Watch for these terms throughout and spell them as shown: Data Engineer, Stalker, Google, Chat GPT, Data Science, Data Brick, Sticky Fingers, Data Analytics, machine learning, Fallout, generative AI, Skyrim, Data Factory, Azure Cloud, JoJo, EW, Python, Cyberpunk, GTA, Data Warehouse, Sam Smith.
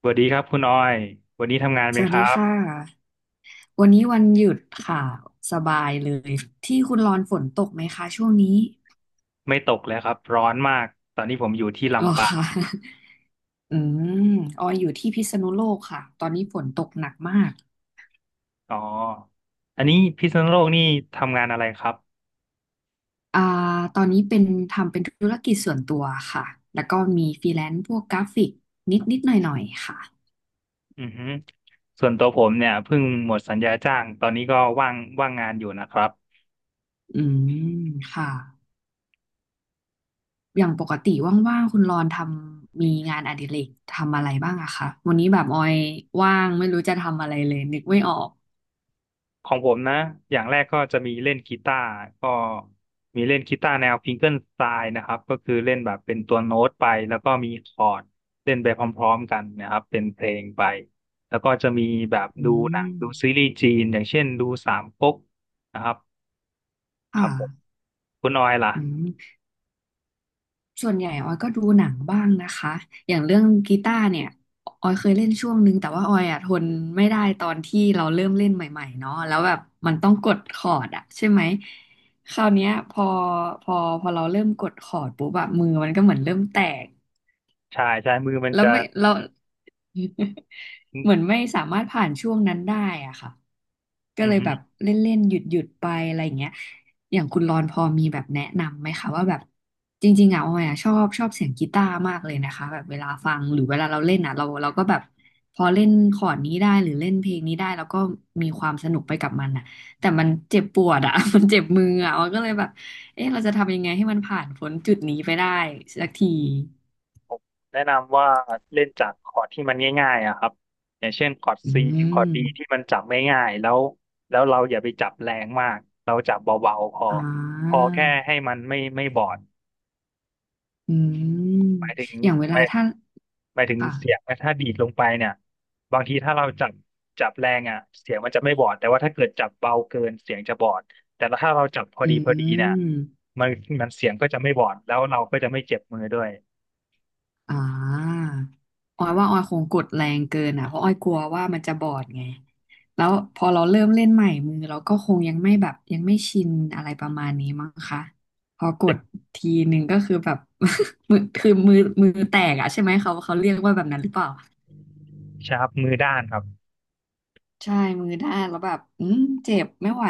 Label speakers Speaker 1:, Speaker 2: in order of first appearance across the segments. Speaker 1: สวัสดีครับคุณออยวันนี้ทำงาน
Speaker 2: ส
Speaker 1: เป็น
Speaker 2: วั
Speaker 1: ค
Speaker 2: สดี
Speaker 1: รั
Speaker 2: ค่ะ
Speaker 1: บ
Speaker 2: วันนี้วันหยุดค่ะสบายเลยที่คุณรอนฝนตกไหมคะช่วงนี้
Speaker 1: ไม่ตกเลยครับร้อนมาก ตอนนี้ผมอยู่ที่
Speaker 2: หรอ
Speaker 1: ลำปาง
Speaker 2: คะ อืมออยอยู่ที่พิษณุโลกค่ะตอนนี้ฝนตกหนักมาก
Speaker 1: อ๋ออันนี้พิษณุโลกนี่ทำงานอะไรครับ
Speaker 2: อ่าตอนนี้เป็นทำเป็นธุรกิจส่วนตัวค่ะแล้วก็มีฟรีแลนซ์พวกกราฟิกนิดนิดหน่อยหน่อยๆค่ะ
Speaker 1: อือฮึส่วนตัวผมเนี่ยเพิ่งหมดสัญญาจ้าง ตอนนี้ก็ว่างว่างงานอยู่นะครับ
Speaker 2: อืมค่ะอย่างปกติว่างๆคุณรอนทำมีงานอดิเรกทำอะไรบ้างอะคะวันนี้แบบออยว่างไม่รู้จะทำอะไรเลยนึกไม่ออก
Speaker 1: ของผมนะอย่างแรกก็จะมีเล่นกีตาร์ก็มีเล่นกีตาร์แนวฟิงเกิลสไตล์นะครับก็คือเล่นแบบเป็นตัวโน้ตไป แล้วก็มีคอร์ดเล่นไปพร้อมๆกันนะครับเป็นเพลงไป แล้วก็จะมีแบบ
Speaker 2: อื
Speaker 1: ดูหนัง
Speaker 2: ม
Speaker 1: ดูซีรีส์จีนอย่างเช่นดูสามก๊กนะครับค
Speaker 2: ค่ะ
Speaker 1: รับผมคุณออยล่ะ
Speaker 2: อืมส่วนใหญ่ออยก็ดูหนังบ้างนะคะ อย่างเรื่องกีตาร์เนี่ย ออยเคยเล่นช่วงนึงแต่ว่าออยอ่ะทนไม่ได้ตอนที่เราเริ่มเล่นใหม่ๆเนาะแล้วแบบมันต้องกดคอร์ดอะใช่ไหม คราวเนี้ยพอพอเราเริ่มกดคอร์ดปุ๊บแบบมือมันก็เหมือนเริ่มแตก
Speaker 1: ใช่ใช่มือมัน
Speaker 2: แล้ว
Speaker 1: จะ
Speaker 2: ไม่เรา เหมือนไม่สามารถผ่านช่วงนั้นได้อ่ะค่ะก็
Speaker 1: อื
Speaker 2: เลยแบบ
Speaker 1: ม
Speaker 2: เล่นๆหยุดหยุดไปอะไรอย่างเงี้ยอย่างคุณรอนพอมีแบบแนะนำไหมคะว่าแบบจริงๆอ่ะออยอ่ะชอบชอบเสียงกีตาร์มากเลยนะคะแบบเวลาฟังหรือเวลาเราเล่นอ่ะเราเราก็แบบพอเล่นคอร์ดนี้ได้หรือเล่นเพลงนี้ได้แล้วก็มีความสนุกไปกับมันอ่ะแต่มันเจ็บปวดอ่ะ มันเจ็บมืออ่ะออยก็เลยแบบเอ๊ะเราจะทำยังไงให้มันผ่านพ้นจุดนี้ไปได้สักที
Speaker 1: แนะนำว่าเล่นจากคอร์ดที่มันง่ายๆอะครับอย่างเช่นคอร์ด
Speaker 2: อื
Speaker 1: ซีคอร์ด D ที่
Speaker 2: ม
Speaker 1: มันจับง่ายๆแล้วแล้วเราอย่าไปจับแรงมากเราจับเบาๆพอ
Speaker 2: อ่
Speaker 1: พอ
Speaker 2: า
Speaker 1: แค่ให้มันไม่ไม่บอด
Speaker 2: อื
Speaker 1: ห
Speaker 2: ม
Speaker 1: มายถึง
Speaker 2: อย่างเว
Speaker 1: ห
Speaker 2: ลา
Speaker 1: มาย
Speaker 2: ถ้า
Speaker 1: หมายถึง
Speaker 2: ค่ะ
Speaker 1: เสียงถ้าดีดลงไปเนี่ยบางทีถ้าเราจับจับแรงอ่ะเสียงมันจะไม่บอดแต่ว่าถ้าเกิดจับเบาเกินเสียงจะบอดแต่ถ้าเราจับพอ
Speaker 2: อื
Speaker 1: ดีพอดีเนี่ย
Speaker 2: ม
Speaker 1: มันมันเสียงก็จะไม่บอดแล้วเราก็จะไม่เจ็บมือด้วย
Speaker 2: อ่าออยว่าออยคงกดแรงเกินอ่ะ เพราะออยกลัวว่ามันจะบอดไง แล้วพอเราเริ่มเล่นใหม่มือเราก็คงยังไม่แบบยังไม่ชินอะไรประมาณนี้มั้งคะ พอก
Speaker 1: เป็น
Speaker 2: ดทีหนึ่งก็คือแบบ มือคือมือแตกอ่ะใช่ไหมเขาเรียกว่าแบบนั้นหรือเปล่า
Speaker 1: ชาร์ปมือด้านครับ
Speaker 2: ใช่มือด้านแล้วแบบอืมเจ็บไม่ไหว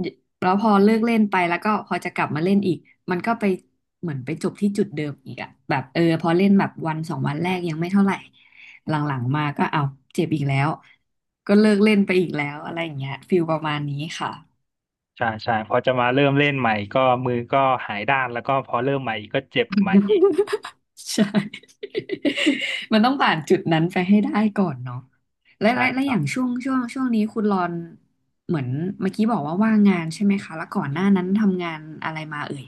Speaker 2: เยแล้วพอเลิกเล่นไปแล้วก็พอจะกลับมาเล่นอีกมันก็ไปเหมือนไปจบที่จุดเดิมอีกอะแบบเออพอเล่นแบบวันสองวันแรกยังไม่เท่าไหร่หลังๆมาก็เอาเจ็บอีกแล้วก็เลิกเล่นไปอีกแล้วอะไรอย่างเงี้ยฟิลประมาณนี้ค่ะ
Speaker 1: ใช่ใช่พอจะมาเริ่มเล่นใหม่ก็มือก็หายด้านแล้วก็พอเริ่มใหม่อีกก็เจ็บใหม่อีก
Speaker 2: ใช่ มันต้องผ่านจุดนั้นไปให้ได้ก่อนเนาะและ
Speaker 1: ใช่
Speaker 2: และและ
Speaker 1: ครั
Speaker 2: อ
Speaker 1: บ
Speaker 2: ย่างช่วงนี้คุณรอนเหมือนเมื่อกี้บอกว่าว่างงานใช่ไหมคะแล้วก่อนหน้านั้นทำงานอะไรมาเอ่ย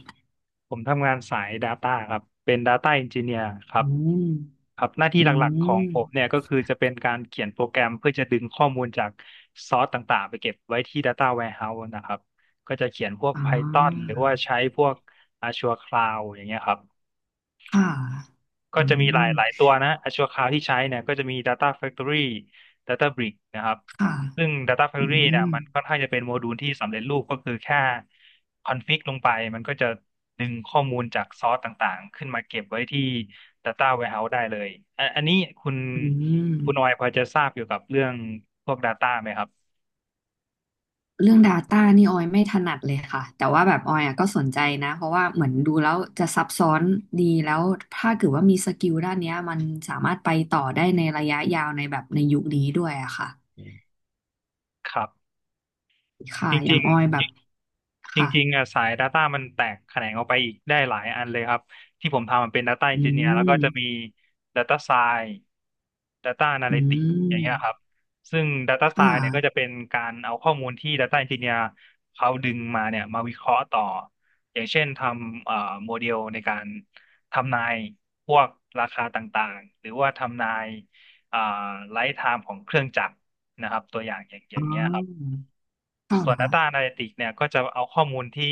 Speaker 1: ผมทำงานสาย Data ครับเป็น Data Engineer ครั
Speaker 2: อื
Speaker 1: บ
Speaker 2: ม
Speaker 1: ครับหน้าที่
Speaker 2: อื
Speaker 1: หลักๆของ
Speaker 2: ม
Speaker 1: ผมเนี่ยก็คือจะเป็นการเขียนโปรแกรมเพื่อจะดึงข้อมูลจากซอสต่างๆไปเก็บไว้ที่ Data Warehouse นะครับก็จะเขียนพวก
Speaker 2: อ่
Speaker 1: Python ห
Speaker 2: า
Speaker 1: รือว่าใช้พวก Azure Cloud อย่างเงี้ยครับ
Speaker 2: ค่ะ
Speaker 1: ก็
Speaker 2: อื
Speaker 1: จะมีห
Speaker 2: ม
Speaker 1: ลายหลายตัวนะชั่วคราวที่ใช้เนี่ยก็จะมี Data Factory Data Brick นะครับ
Speaker 2: ค่ะ
Speaker 1: ซึ่ง Data
Speaker 2: อื
Speaker 1: Factory เนี่ย
Speaker 2: ม
Speaker 1: มันค่อนข้างจะเป็นโมดูลที่สำเร็จรูปก็คือแค่คอนฟิกลงไปมันก็จะดึงข้อมูลจากซอสต่างๆขึ้นมาเก็บไว้ที่ Data Warehouse ได้เลยอันอันนี้คุณ
Speaker 2: อื
Speaker 1: คุณออย
Speaker 2: ม
Speaker 1: พอจะทราบเกี่ยวกับเรื่องพวก Data ไหมครับ
Speaker 2: เรื่อง Data นี่ออยไม่ถนัดเลยค่ะแต่ว่าแบบออยอ่ะก็สนใจนะเพราะว่าเหมือนดูแล้วจะซับซ้อนดีแล้วถ้าเกิดว่ามีสกิลด้านเนี้ยมันสามารถไปต่อได้ในระยะยาวในแบบในยุคนี้ด้วยอะค่ะ
Speaker 1: ครับ
Speaker 2: ค่ะ
Speaker 1: จ
Speaker 2: อย่า
Speaker 1: ริ
Speaker 2: ง
Speaker 1: ง
Speaker 2: ออยแบบ
Speaker 1: จ
Speaker 2: ค่ะ
Speaker 1: ริงๆอ่ะสาย Data มันแตกแขนงออกไปอีกได้หลายอันเลยครับที่ผมทำมันเป็น Data
Speaker 2: อื
Speaker 1: Engineer แล้วก็จะมี
Speaker 2: ม
Speaker 1: Data Science Data
Speaker 2: อื
Speaker 1: Analytics อย่างเงี้ยครับ
Speaker 2: ม
Speaker 1: ซึ่ง Data
Speaker 2: ค่ะ
Speaker 1: Science เนี่ยก็จะเป็นการเอาข้อมูลที่ Data Engineer เขาดึงมาเนี่ยมาวิเคราะห์ต่ออย่างเช่นทำโมเดลในการทำนายพวกราคาต่างๆหรือว่าทำนายเอ่อไลฟ์ไทม์ของเครื่องจักรนะครับตัวอย่างอย่างอ
Speaker 2: อ๋
Speaker 1: ย่าง
Speaker 2: อ
Speaker 1: เงี้ยครับ
Speaker 2: ค่
Speaker 1: ส่วน Data
Speaker 2: ะ
Speaker 1: Analytics เนี่ยก็จะเอาข้อมูลที่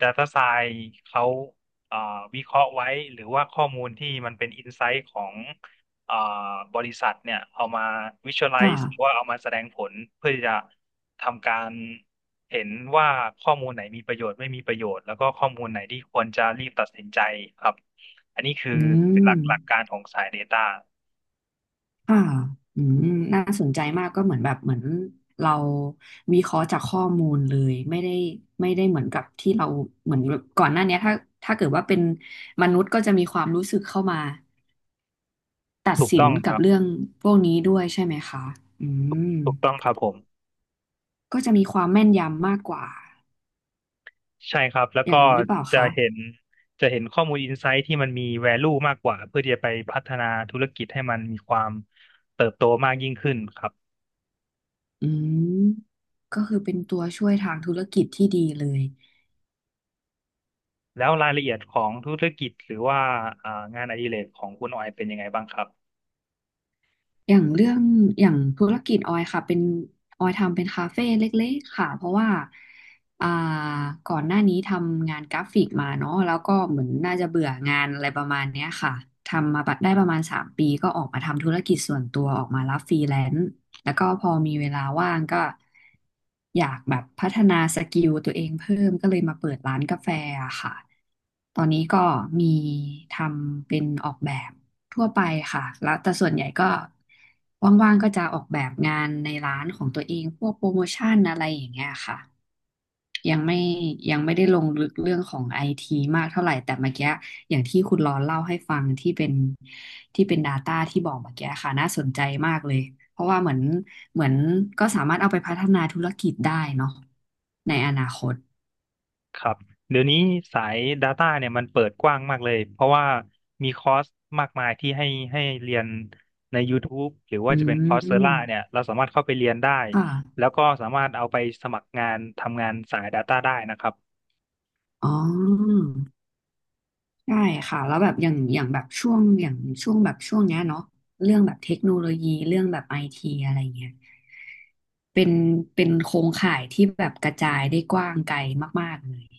Speaker 1: Data Science เขาเอ่อวิเคราะห์ไว้หรือว่าข้อมูลที่มันเป็น Insight ของเอ่อบริษัทเนี่ยเอามา
Speaker 2: ค่ะ
Speaker 1: Visualize หรือว่าเอามาแสดงผลเพื่อที่จะทำการเห็นว่าข้อมูลไหนมีประโยชน์ไม่มีประโยชน์แล้วก็ข้อมูลไหนที่ควรจะรีบตัดสินใจครับอันนี้คือ
Speaker 2: อื
Speaker 1: ห
Speaker 2: ม
Speaker 1: ลักหลักการของสาย Data
Speaker 2: ค่ะอืมน่าสนใจมากก็เหมือนแบบเหมือนเราวิเคราะห์จากข้อมูลเลยไม่ได้เหมือนกับที่เราเหมือนแบบก่อนหน้าเนี้ยถ้าถ้าเกิดว่าเป็นมนุษย์ก็จะมีความรู้สึกเข้ามาตัด
Speaker 1: ถูก
Speaker 2: สิ
Speaker 1: ต้
Speaker 2: น
Speaker 1: องค
Speaker 2: กับ
Speaker 1: รับ
Speaker 2: เรื่องพวกนี้ด้วยใช่ไหมคะอืม
Speaker 1: ถูกต้องครับผม
Speaker 2: ก็จะมีความแม่นยำมากกว่า
Speaker 1: ใช่ครับ แล้ว
Speaker 2: อ
Speaker 1: ก็
Speaker 2: ย่างนี้หรือเปล่า
Speaker 1: จะ
Speaker 2: คะ
Speaker 1: เห็นจะเห็นข้อมูลอินไซต์ที่มันมี value มากกว่าเพื่อที่จะไปพัฒนาธุรกิจให้มันมีความเติบโตมากยิ่งขึ้นครับ
Speaker 2: อืมก็คือเป็นตัวช่วยทางธุรกิจที่ดีเลย
Speaker 1: แล้วรายละเอียดของธุรกิจหรือว่าอ่างานอดิเรกของคุณออยเป็นยังไงบ้างครับ
Speaker 2: อย่างเรื่องอย่างธุรกิจออยค่ะเป็นออยทำเป็นคาเฟ่เล็กๆค่ะเพราะว่าอ่าก่อนหน้านี้ทำงานกราฟิกมาเนาะแล้วก็เหมือนน่าจะเบื่องานอะไรประมาณเนี้ยค่ะทำมาได้ประมาณสามปีก็ออกมาทำธุรกิจส่วนตัวออกมารับฟรีแลนซ์ แล้วก็พอมีเวลาว่างก็อยากแบบพัฒนาสกิลตัวเองเพิ่มก็เลยมาเปิดร้านกาแฟอะค่ะ ตอนนี้ก็มีทำเป็นออกแบบทั่วไปค่ะ แล้วแต่ส่วนใหญ่ก็ว่างๆก็จะออกแบบงานในร้านของตัวเองพวกโปรโมชั่นอะไรอย่างเงี้ยค่ะ ยังไม่ยังไม่ได้ลงลึกเรื่องของไอทีมากเท่าไหร่แต่เมื่อกี้อย่างที่คุณรอนเล่าให้ฟังที่เป็น Data ที่บอกเมื่อกี้ค่ะน่าสนใจมากเลยเพราะว่าเหมือนเหมือนก็สามารถเอาไปพัฒนาธุรกิจได้เนาะในอนาคต
Speaker 1: ครับเดี๋ยวนี้สาย Data เนี่ยมันเปิดกว้างมากเลยเพราะว่ามีคอร์สมากมายที่ให้ให้เรียนใน YouTube หรือ
Speaker 2: อื
Speaker 1: ว่าจะเป็นคอร์สเซอร่าเนี่ย
Speaker 2: ม
Speaker 1: เราสามารถเข้าไปเรียนได้
Speaker 2: ค
Speaker 1: แล้
Speaker 2: ่ะ
Speaker 1: วก็สามารถเอาไปสมัครงานทำงานสาย Data ได้นะครับ
Speaker 2: อ๋อ ใช่ค่ะแล้วแบบอย่างอย่างแบบช่วงอย่างช่วงแบบช่วงเนี้ยเนาะเรื่องแบบเทคโนโลยีเรื่องแบบไอทีอะไรเงี้ยเป็นเป็นโครงข่ายที่แบบกระจายได้กว้างไกลมากๆเลย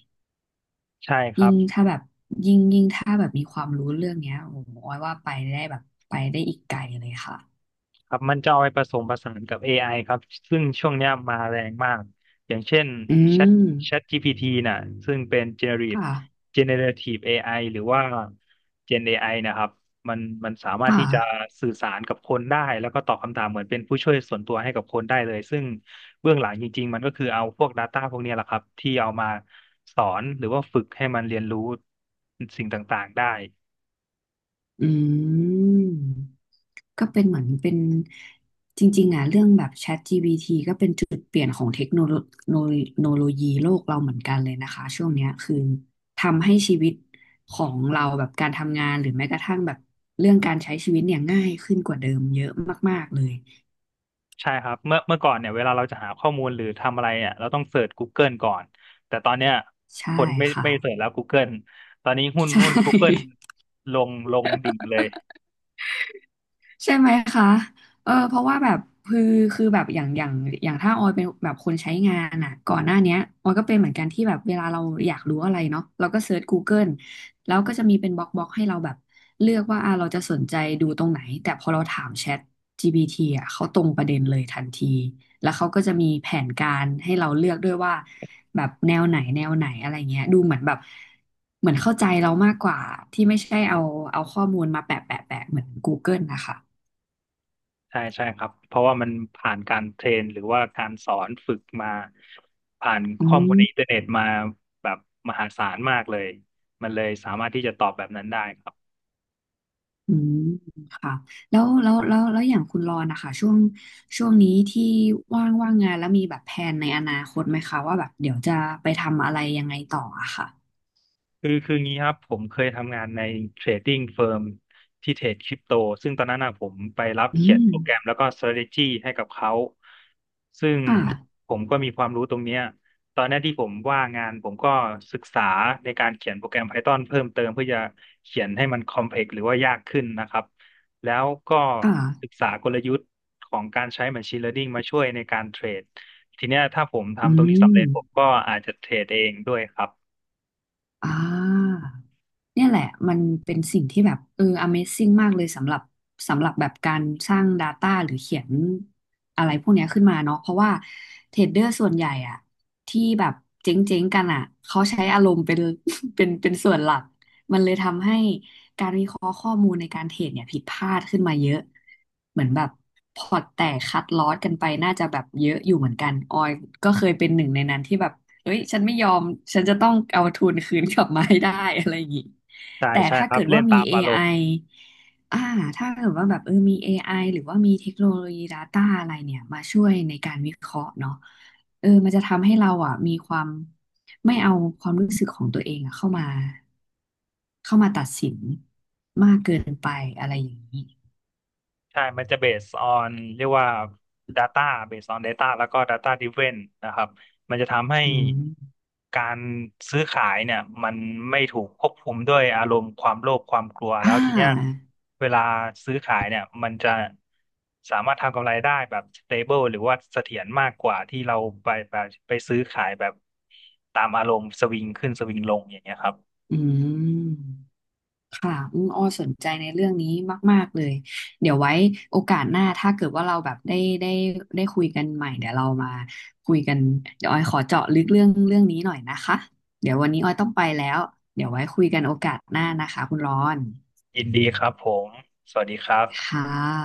Speaker 1: ใช่ครั
Speaker 2: ยิ่ง
Speaker 1: บ
Speaker 2: ถ้าแบบยิ่งถ้าแบบมีความรู้เรื่องเนี้ยโอ้โหออยว่าไปได้แบบไปได้อีกไกลเลยค่ะ
Speaker 1: ครับมันจะเอาไปผสมผสานกับ AI ครับซึ่งช่วงเนี้ยมาแรงมากอย่างเช่น
Speaker 2: อืม
Speaker 1: Chat Chat GPT น่ะซึ่งเป็น
Speaker 2: ค
Speaker 1: generative
Speaker 2: ่ะ
Speaker 1: generative AI หรือว่า Gen AI นะครับมันมันสามารถ
Speaker 2: ค่ะ
Speaker 1: ที่จะสื่อสารกับคนได้แล้วก็ตอบคำถามเหมือนเป็นผู้ช่วยส่วนตัวให้กับคนได้เลยซึ่งเบื้องหลังจริงๆมันก็คือเอาพวก Data พวกเนี้ยแหละครับที่เอามาสอนหรือว่าฝึกให้มันเรียนรู้สิ่งต่างๆได้
Speaker 2: อืม ก็เป็นเหมือนเป็นจริงๆอ่ะเรื่องแบบ ChatGPT ก็เป็นจุดเปลี่ยนของเทคโนโลโนโลยีโลกเราเหมือนกันเลยนะคะช่วงเนี้ยคือทำให้ชีวิตของเราแบบการทำงานหรือแม้กระทั่งแบบเรื่องการใช้ชีวิตเนี่ยง่ายขึ้นกว่าเดิมเยอะมากๆเลย
Speaker 1: ใช่ครับเมื่อเมื่อก่อนเนี่ยเวลาเราจะหาข้อมูลหรือทำอะไรเนี่ยเราต้องเสิร์ช Google ก่อนแต่ตอนเนี้ย
Speaker 2: ใช่
Speaker 1: คนไม่
Speaker 2: ค่ะ
Speaker 1: ไม่เสิร์ชแล้ว Google ตอนนี้หุ้น
Speaker 2: ใช
Speaker 1: หุ้น Google
Speaker 2: ่
Speaker 1: ลงดิ่งเลย
Speaker 2: ใช่ไหมคะเออเพราะว่าแบบคือคือแบบอย่างถ้าออยเป็นแบบคนใช้งานอ่ะก่อนหน้าเนี้ยออยก็เป็นเหมือนกันที่แบบเวลาเราอยากรู้อะไรเนาะเราก็เซิร์ช Google แล้วก็จะมีเป็นบล็อกให้เราแบบเลือกว่าอ่ะเราจะสนใจดูตรงไหน แต่พอเราถามแชท GPT อ่ะ เขาตรงประเด็นเลยทันทีแล้วเขาก็จะมีแผนการให้เราเลือกด้วยว่าแบบแนวไหนอะไรเงี้ยดูเหมือนแบบเหมือนเข้าใจเรามากกว่าที่ไม่ใช่เอาข้อมูลมาแปะเหมือน Google นะคะ
Speaker 1: ใช่ใช่ครับเพราะว่ามันผ่านการเทรนหรือว่าการสอนฝึกมาผ่าน
Speaker 2: อื
Speaker 1: ข้อมูล
Speaker 2: ม
Speaker 1: ในอินเทอร์เน็ตมาแบบมหาศาลมากเลยมันเลยสามารถที่จะตอบแบบนั้นได้ครับ
Speaker 2: อืม ค่ะแล้ว อย่างคุณรอนนะคะ ช่วงนี้ที่ว่างงาน แล้วมีแบบแผนในอนาคตไหมคะ ว่าแบบเดี๋ยวจะไปทำอะไรยังไงต่ออะค่ะ
Speaker 1: คืองี้ครับผมเคยทำงานในเทรดดิ้งเฟิร์มที่เทรดคริปโตซึ่งตอนนั้นนะผมไปรับ
Speaker 2: อื
Speaker 1: เขียน
Speaker 2: ม
Speaker 1: โปรแกรมแล้วก็ strategy ให้กับเขาซึ่ง
Speaker 2: ค่ะ
Speaker 1: ผมก็มีความรู้ตรงเนี้ยตอนนี้ที่ผมว่างงานผมก็ศึกษาในการเขียนโปรแกรม Python เพิ่มเติมเพื่อจะเขียนให้มัน complex หรือว่ายากขึ้นนะครับแล้วก็
Speaker 2: ค่ะ
Speaker 1: ศึกษากลยุทธ์ของการใช้ machine learning มาช่วยในการเทรดทีเนี้ยถ้าผม
Speaker 2: อื
Speaker 1: ทำตรงนี้
Speaker 2: ม
Speaker 1: สำเร็จผมก็อาจจะเทรดเองด้วยครับ
Speaker 2: อ่า เนี่ยแหละมันเป็นสิ่งที่แบบเออ Amazing มากเลยสำหรับสำหรับแบบการสร้าง Data หรือเขียนอะไรพวกเนี้ยขึ้นมาเนาะเพราะว่าเทรดเดอร์ส่วนใหญ่อะที่แบบเจ๊งๆกันอะเขาใช้อารมณ์เป็น เป็นส่วนหลักมันเลยทำให้การวิเคราะห์ข้อมูลในการเทรดเนี่ยผิดพลาดขึ้นมาเยอะเหมือนแบบพอร์ตแตกคัดลอสกันไปน่าจะแบบเยอะอยู่เหมือนกันออยก็เคยเป็นหนึ่งในนั้นที่แบบ เอ้ยฉันไม่ยอมฉันจะต้องเอาทุนคืนกลับมาให้ได้ อะไรอย่างงี้
Speaker 1: ใช่
Speaker 2: แต่
Speaker 1: ใช่
Speaker 2: ถ้า
Speaker 1: ครั
Speaker 2: เกิ
Speaker 1: บ
Speaker 2: ด
Speaker 1: เล่
Speaker 2: ว่า
Speaker 1: น
Speaker 2: มี
Speaker 1: ตาม
Speaker 2: a
Speaker 1: อาร
Speaker 2: ไอ
Speaker 1: มณ์
Speaker 2: อ่าถ้าเกิดว่าแบบเออมี a อไอหรือว่ามีเทคโนโลยี Data อะไรเนี่ยมาช่วยในการวิเคราะห์เนาะเออมันจะทำให้เราอ่ะมีความไม่เอาความรู้สึกของตัวเองอ่ะเข้ามาตัดสินมากเกินไปอะไรอย่างนี้
Speaker 1: ใช่มันจะ based on เรียกว่า data based on data แล้วก็ data driven นะครับมันจะทำให้
Speaker 2: อืม
Speaker 1: การซื้อขายเนี่ยมันไม่ถูกควบคุมด้วยอารมณ์ความโลภความกลัวแล้
Speaker 2: อ่า
Speaker 1: วทีเนี้ยเวลาซื้อขายเนี่ยมันจะสามารถทำกำไรได้แบบ stable หรือว่าเสถียรมากกว่าที่เราไปไปไปซื้อขายแบบตามอารมณ์สวิงขึ้นสวิงลงอย่างเงี้ยครับ
Speaker 2: อืม ค่ะอืมอ้อสนใจในเรื่องนี้มากๆเลยเดี๋ยวไว้โอกาสหน้าถ้าเกิดว่าเราแบบได้ได้คุยกันใหม่เดี๋ยวเรามาคุยกันเดี๋ยวออยขอเจาะลึกเรื่องนี้หน่อยนะคะเดี๋ยววันนี้ออยต้องไปแล้วเดี๋ยวไว้คุยกันโอกาสหน้านะคะคุณร้อน
Speaker 1: ยินดีครับผมสวัสดีครับ
Speaker 2: ค่ะ